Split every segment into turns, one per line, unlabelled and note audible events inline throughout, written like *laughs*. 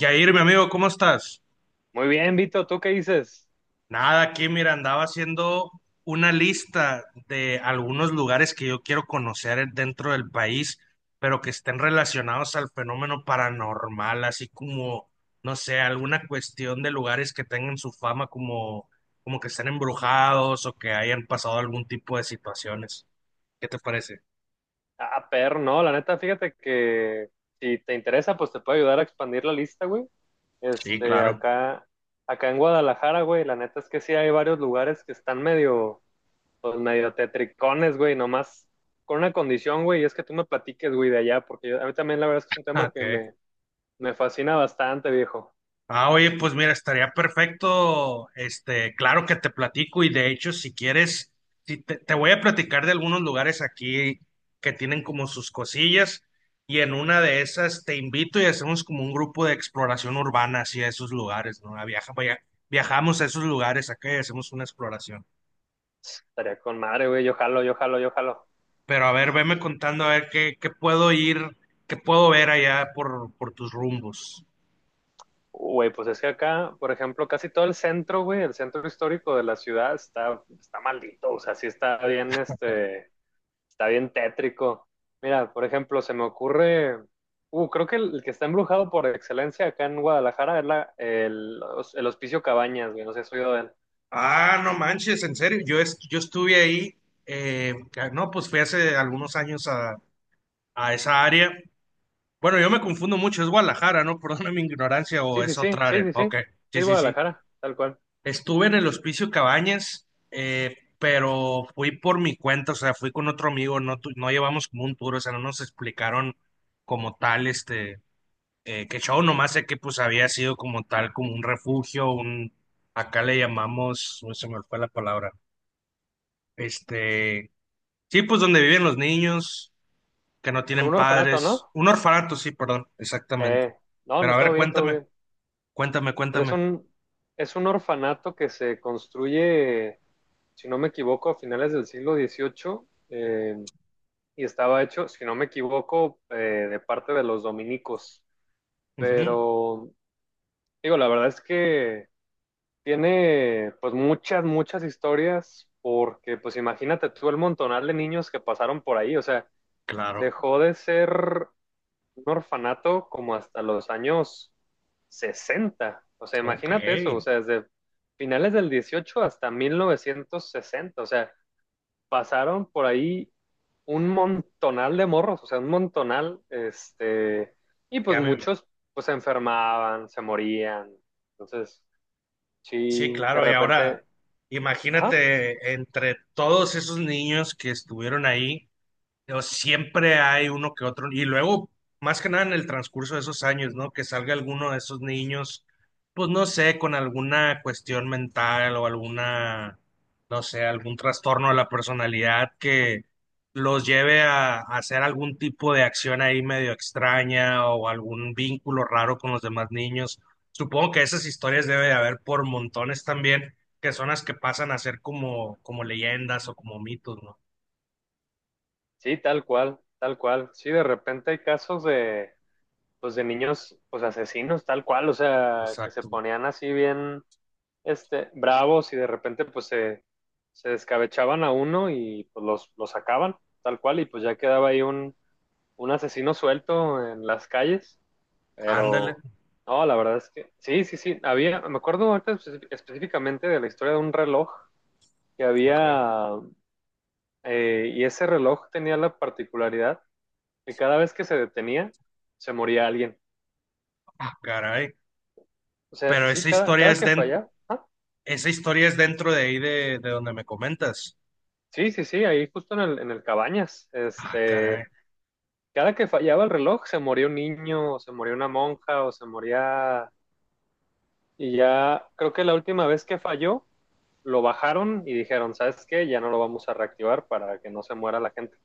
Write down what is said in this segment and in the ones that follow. Yair, mi amigo, ¿cómo estás?
Muy bien, Vito, ¿tú qué dices?
Nada, aquí, mira, andaba haciendo una lista de algunos lugares que yo quiero conocer dentro del país, pero que estén relacionados al fenómeno paranormal, así como, no sé, alguna cuestión de lugares que tengan su fama como, como que estén embrujados o que hayan pasado algún tipo de situaciones. ¿Qué te parece?
Ah, perro, no, la neta, fíjate que si te interesa, pues te puedo ayudar a expandir la lista, güey.
Sí,
Este,
claro.
acá, acá en Guadalajara, güey, la neta es que sí hay varios lugares que están medio, pues medio tetricones, güey, nomás con una condición, güey, y es que tú me platiques, güey, de allá, porque a mí también la verdad es que es un
Ah,
tema que
ok.
me fascina bastante, viejo.
Ah, oye, pues mira, estaría perfecto. Este, claro que te platico y de hecho, si quieres, si te, te voy a platicar de algunos lugares aquí que tienen como sus cosillas y en una de esas te invito y hacemos como un grupo de exploración urbana hacia esos lugares, ¿no? A viajamos a esos lugares acá y hacemos una exploración.
Estaría con madre, güey, yo jalo, yo jalo, yo jalo.
Pero a ver, veme contando a ver qué, qué puedo ir, qué puedo ver allá por tus rumbos.
Güey, pues es que acá, por ejemplo, casi todo el centro, güey, el centro histórico de la ciudad está maldito, o sea, sí está bien, está bien tétrico. Mira, por ejemplo, se me ocurre, creo que el que está embrujado por excelencia acá en Guadalajara es el Hospicio Cabañas, güey, no sé si has oído de él.
Ah, no manches, en serio. Yo estuve ahí, no, pues fui hace algunos años a esa área. Bueno, yo me confundo mucho, es Guadalajara, ¿no? *laughs* Perdona mi ignorancia o
Sí, sí,
es
sí,
otra
sí,
área.
sí, sí,
Ok,
sí,
sí,
es
sí, sí.
Guadalajara, tal cual.
Estuve en el Hospicio Cabañas, pero fui por mi cuenta, o sea, fui con otro amigo, no, no llevamos como un tour, o sea, no nos explicaron como tal, este, qué show, nomás sé que pues había sido como tal, como un refugio, un, acá le llamamos, uy, se me fue la palabra. Este, sí, pues donde viven los niños que no
Como
tienen
un orfanato,
padres.
¿no?
Un orfanato, sí, perdón, exactamente.
Eh, no,
Pero
no,
a
todo
ver,
bien, todo
cuéntame,
bien. Pues es
cuéntame.
un, es un orfanato que se construye si no me equivoco, a finales del siglo XVIII, eh, y estaba hecho, si no me equivoco, de parte de los dominicos.
Ujú,
Pero digo, la verdad es que tiene pues muchas, muchas historias porque pues imagínate tú el montonal de niños que pasaron por ahí, o sea,
claro,
dejó de ser un orfanato como hasta los años 60. O sea,
ok,
imagínate eso, o sea, desde finales del 18 hasta 1960, o sea, pasaron por ahí un montonal de morros, o sea, un montonal, y pues
ya me ima-
muchos pues se enfermaban, se morían. Entonces,
Sí,
sí, de
claro, y ahora
repente, ajá,
imagínate entre todos esos niños que estuvieron ahí. O siempre hay uno que otro, y luego, más que nada en el transcurso de esos años, ¿no? Que salga alguno de esos niños, pues no sé, con alguna cuestión mental o alguna, no sé, algún trastorno de la personalidad que los lleve a hacer algún tipo de acción ahí medio extraña o algún vínculo raro con los demás niños. Supongo que esas historias debe de haber por montones también, que son las que pasan a ser como, como leyendas o como mitos, ¿no?
sí, tal cual, tal cual. Sí, de repente hay casos de pues de niños pues asesinos, tal cual, o sea, que se
Exacto.
ponían así bien bravos y de repente pues se descabechaban a uno y pues los sacaban, tal cual, y pues ya quedaba ahí un asesino suelto en las calles,
Ándale.
pero no, la verdad es que sí, sí, sí, había, me acuerdo ahorita específicamente de la historia de un reloj que
Ok.
había, y ese reloj tenía la particularidad que cada vez que se detenía, se moría alguien.
Ah, caray.
O sea,
Pero
sí, cada, cada que fallaba, ah,
esa historia es dentro de ahí de donde me comentas.
sí, sí, sí, ahí justo en el Cabañas,
Ah, caray.
cada que fallaba el reloj, se moría un niño, o se moría una monja, o se moría. Y ya creo que la última vez que falló, lo bajaron y dijeron, ¿sabes qué? Ya no lo vamos a reactivar para que no se muera la gente.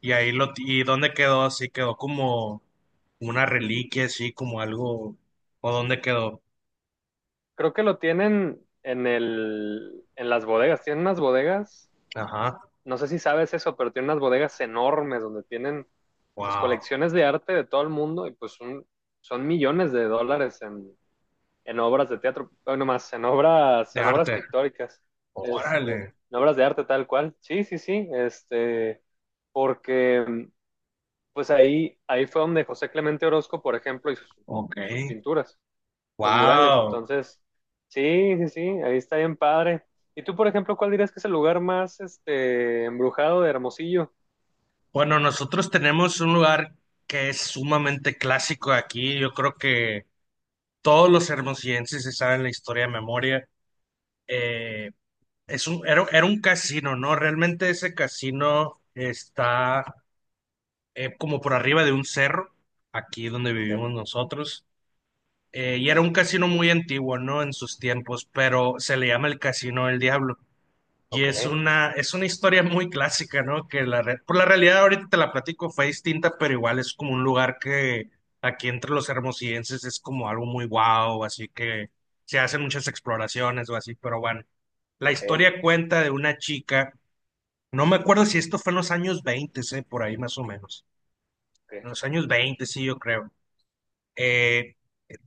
Y ahí lo, y dónde quedó así, quedó como una reliquia, así como algo, o dónde quedó.
Creo que lo tienen en las bodegas. Tienen unas bodegas,
Ajá.
no sé si sabes eso, pero tienen unas bodegas enormes donde tienen pues
Wow.
colecciones de arte de todo el mundo y pues son millones de dólares en, obras de teatro, bueno, más
De
en obras
arte.
pictóricas, este,
Órale.
en obras de arte tal cual. Sí, sí, sí, este, porque pues ahí fue donde José Clemente Orozco, por ejemplo, hizo sus,
Ok.
sus pinturas, los murales.
Wow.
Entonces, sí, sí, sí, ahí está bien padre. ¿Y tú, por ejemplo, cuál dirías que es el lugar más embrujado de Hermosillo?
Bueno, nosotros tenemos un lugar que es sumamente clásico aquí. Yo creo que todos los hermosillenses se saben la historia de memoria. Eh, Es un, era un casino, ¿no? Realmente ese casino está como por arriba de un cerro, aquí donde
Ok,
vivimos nosotros. Y era un casino muy antiguo, ¿no? En sus tiempos, pero se le llama el Casino del Diablo. Y
ok,
es una historia muy clásica, ¿no? Que la, por la realidad ahorita te la platico, fue distinta, pero igual es como un lugar que aquí entre los hermosillenses es como algo muy guau, así que se hacen muchas exploraciones o así, pero bueno. La
ok,
historia cuenta de una chica, no me acuerdo si esto fue en los años 20, por ahí más o menos. En los
ok,
años 20 sí, yo creo. Eh,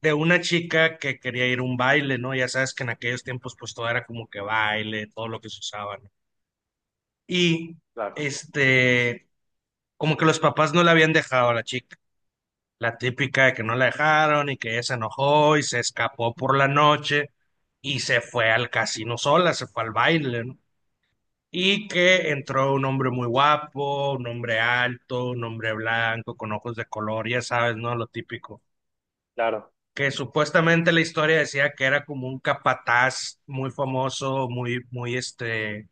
de una chica que quería ir a un baile, ¿no? Ya sabes que en aquellos tiempos pues todo era como que baile, todo lo que se usaba, ¿no? Y
claro,
este, como que los papás no la habían dejado a la chica. La típica de que no la dejaron y que ella se enojó y se escapó por la noche y se fue al casino sola, se fue al baile, ¿no? Y que entró un hombre muy guapo, un hombre alto, un hombre blanco, con ojos de color, ya sabes, ¿no? Lo típico.
claro.
Que supuestamente la historia decía que era como un capataz muy famoso, muy, muy, este,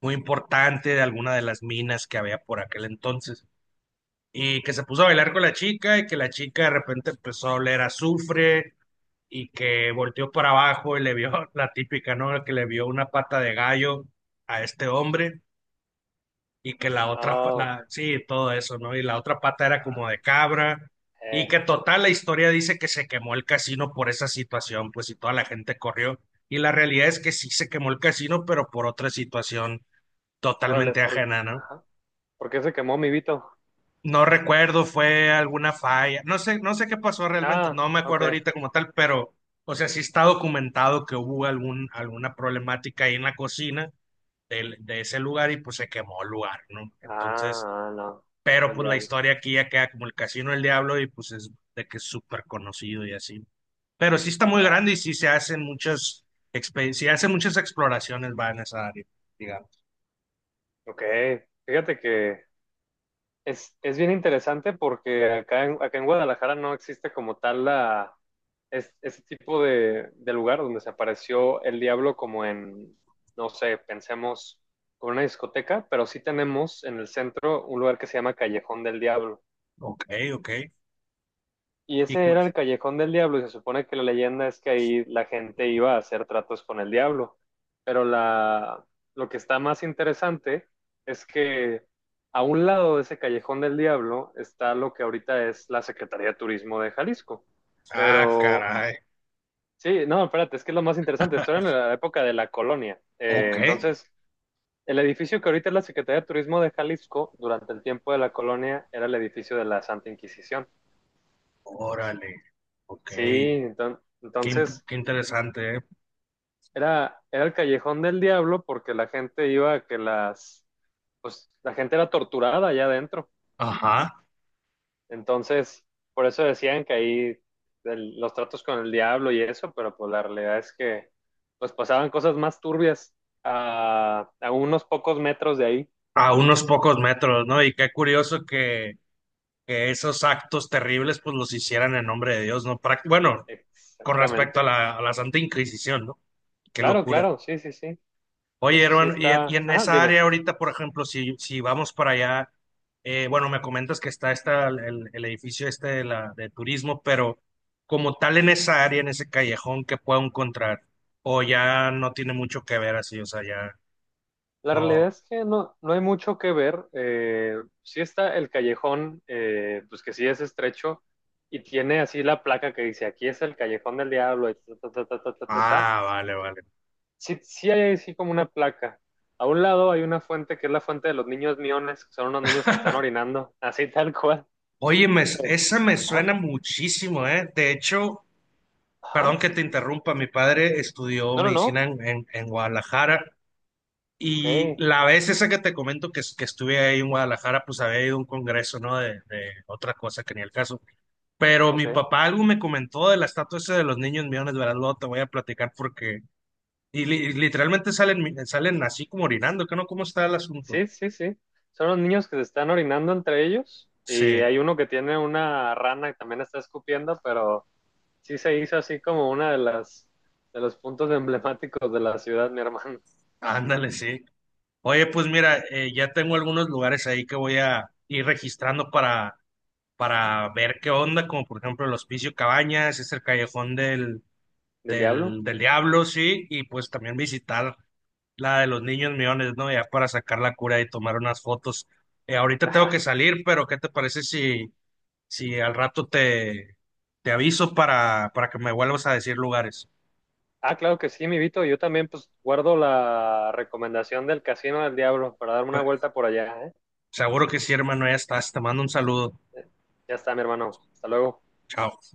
muy importante de alguna de las minas que había por aquel entonces. Y que se puso a bailar con la chica y que la chica de repente empezó a oler a azufre y que volteó para abajo y le vio *laughs* la típica, ¿no? Que le vio una pata de gallo a este hombre y que la otra,
Oh,
sí, todo eso, ¿no? Y la otra pata era
ah,
como de cabra, y
eh,
que total la historia dice que se quemó el casino por esa situación, pues y toda la gente corrió, y la realidad es que sí se quemó el casino, pero por otra situación
órale,
totalmente ajena, ¿no?
ajá, ¿por qué se quemó mi Vito?
No recuerdo, fue alguna falla, no sé, no sé qué pasó realmente,
Ah,
no me
ok.
acuerdo
Ah,
ahorita como tal, pero, o sea, sí está documentado que hubo algún, alguna problemática ahí en la cocina de ese lugar y pues se quemó el lugar, ¿no? Entonces...
ah, no, no fue
Pero
el
pues la
diablo.
historia aquí ya queda como el Casino del Diablo y pues es de que es súper conocido y así. Pero sí está muy grande y
Claro,
sí se hacen muchas sí hacen muchas exploraciones va en esa área, digamos.
ok. Fíjate que es bien interesante porque acá en Guadalajara no existe como tal ese tipo de lugar donde se apareció el diablo como en, no sé, pensemos como una discoteca, pero sí tenemos en el centro un lugar que se llama Callejón del Diablo.
Ok, ok.
Y
Y
ese
cu-
era el Callejón del Diablo, y se supone que la leyenda es que ahí la gente iba a hacer tratos con el diablo. Pero la, lo que está más interesante es que a un lado de ese Callejón del Diablo está lo que ahorita es la Secretaría de Turismo de Jalisco.
ah,
Pero
caray.
sí, no, espérate, es que es lo más interesante. Esto era en la época de la colonia.
Ok.
Entonces, el edificio que ahorita es la Secretaría de Turismo de Jalisco, durante el tiempo de la colonia, era el edificio de la Santa Inquisición.
Órale. Ok.
Sí,
Qué,
entonces,
qué interesante, ¿eh?
era el callejón del diablo porque la gente iba a que pues la gente era torturada allá adentro.
Ajá.
Entonces, por eso decían que ahí los tratos con el diablo y eso, pero pues la realidad es que pues pasaban cosas más turbias a, unos pocos metros de ahí.
A unos pocos metros, ¿no? Y qué curioso que esos actos terribles pues los hicieran en nombre de Dios, ¿no? Bueno, con respecto
Exactamente.
a la Santa Inquisición, ¿no? Qué
Claro,
locura.
claro, sí, sí, sí.
Oye,
Eso sí
hermano, y
está.
en
Ajá,
esa
dime.
área ahorita, por ejemplo, si, si vamos para allá, bueno, me comentas que está esta, el edificio este de, la, de turismo, pero como tal en esa área, en ese callejón, ¿qué puedo encontrar? O ya no tiene mucho que ver así, o sea, ya
La realidad
no.
es que no, no hay mucho que ver. Sí está el callejón, pues que sí es estrecho y tiene así la placa que dice, aquí es el callejón del diablo, y ta, ta, ta, ta, ta, ta, ta. Ta.
Ah, vale, vale.
Sí, sí hay así como una placa. A un lado hay una fuente que es la fuente de los niños miones, que son unos niños que están
*laughs*
orinando, *laughs* así tal cual.
Oye,
Pues,
esa me
ajá,
suena muchísimo, ¿eh? De hecho, perdón
ajá.
que te interrumpa, mi padre estudió
No, no,
medicina
no.
en, en Guadalajara
Ok,
y la vez esa que te comento que, que estuve ahí en Guadalajara, pues había ido a un congreso, ¿no? De otra cosa que ni el caso. Pero mi
ok.
papá algo me comentó de la estatua esa de los niños millones, ¿verdad? Luego te voy a platicar porque... Y, literalmente salen, salen así como orinando, ¿qué no? ¿Cómo está el asunto?
Sí, sí, sí. Son los niños que se están orinando entre ellos y
Sí,
hay uno que tiene una rana que también está escupiendo, pero sí se hizo así como una de los puntos *laughs* emblemáticos de la ciudad, mi hermano,
ándale, sí. Oye, pues mira, ya tengo algunos lugares ahí que voy a ir registrando para ver qué onda, como por ejemplo el Hospicio Cabañas, es el Callejón
del diablo.
del
*laughs*
Diablo, sí, y pues también visitar la de los niños millones, ¿no? Ya para sacar la cura y tomar unas fotos. Ahorita tengo que
Ajá.
salir, pero ¿qué te parece si, si al rato te, te aviso para que me vuelvas a decir lugares?
Ah, claro que sí, mi Vito. Yo también pues guardo la recomendación del Casino del Diablo para darme una
Pe-
vuelta por allá, ¿eh?
seguro que sí, hermano, ya estás. Te mando un saludo.
Ya está, mi hermano. Hasta luego.
Chao.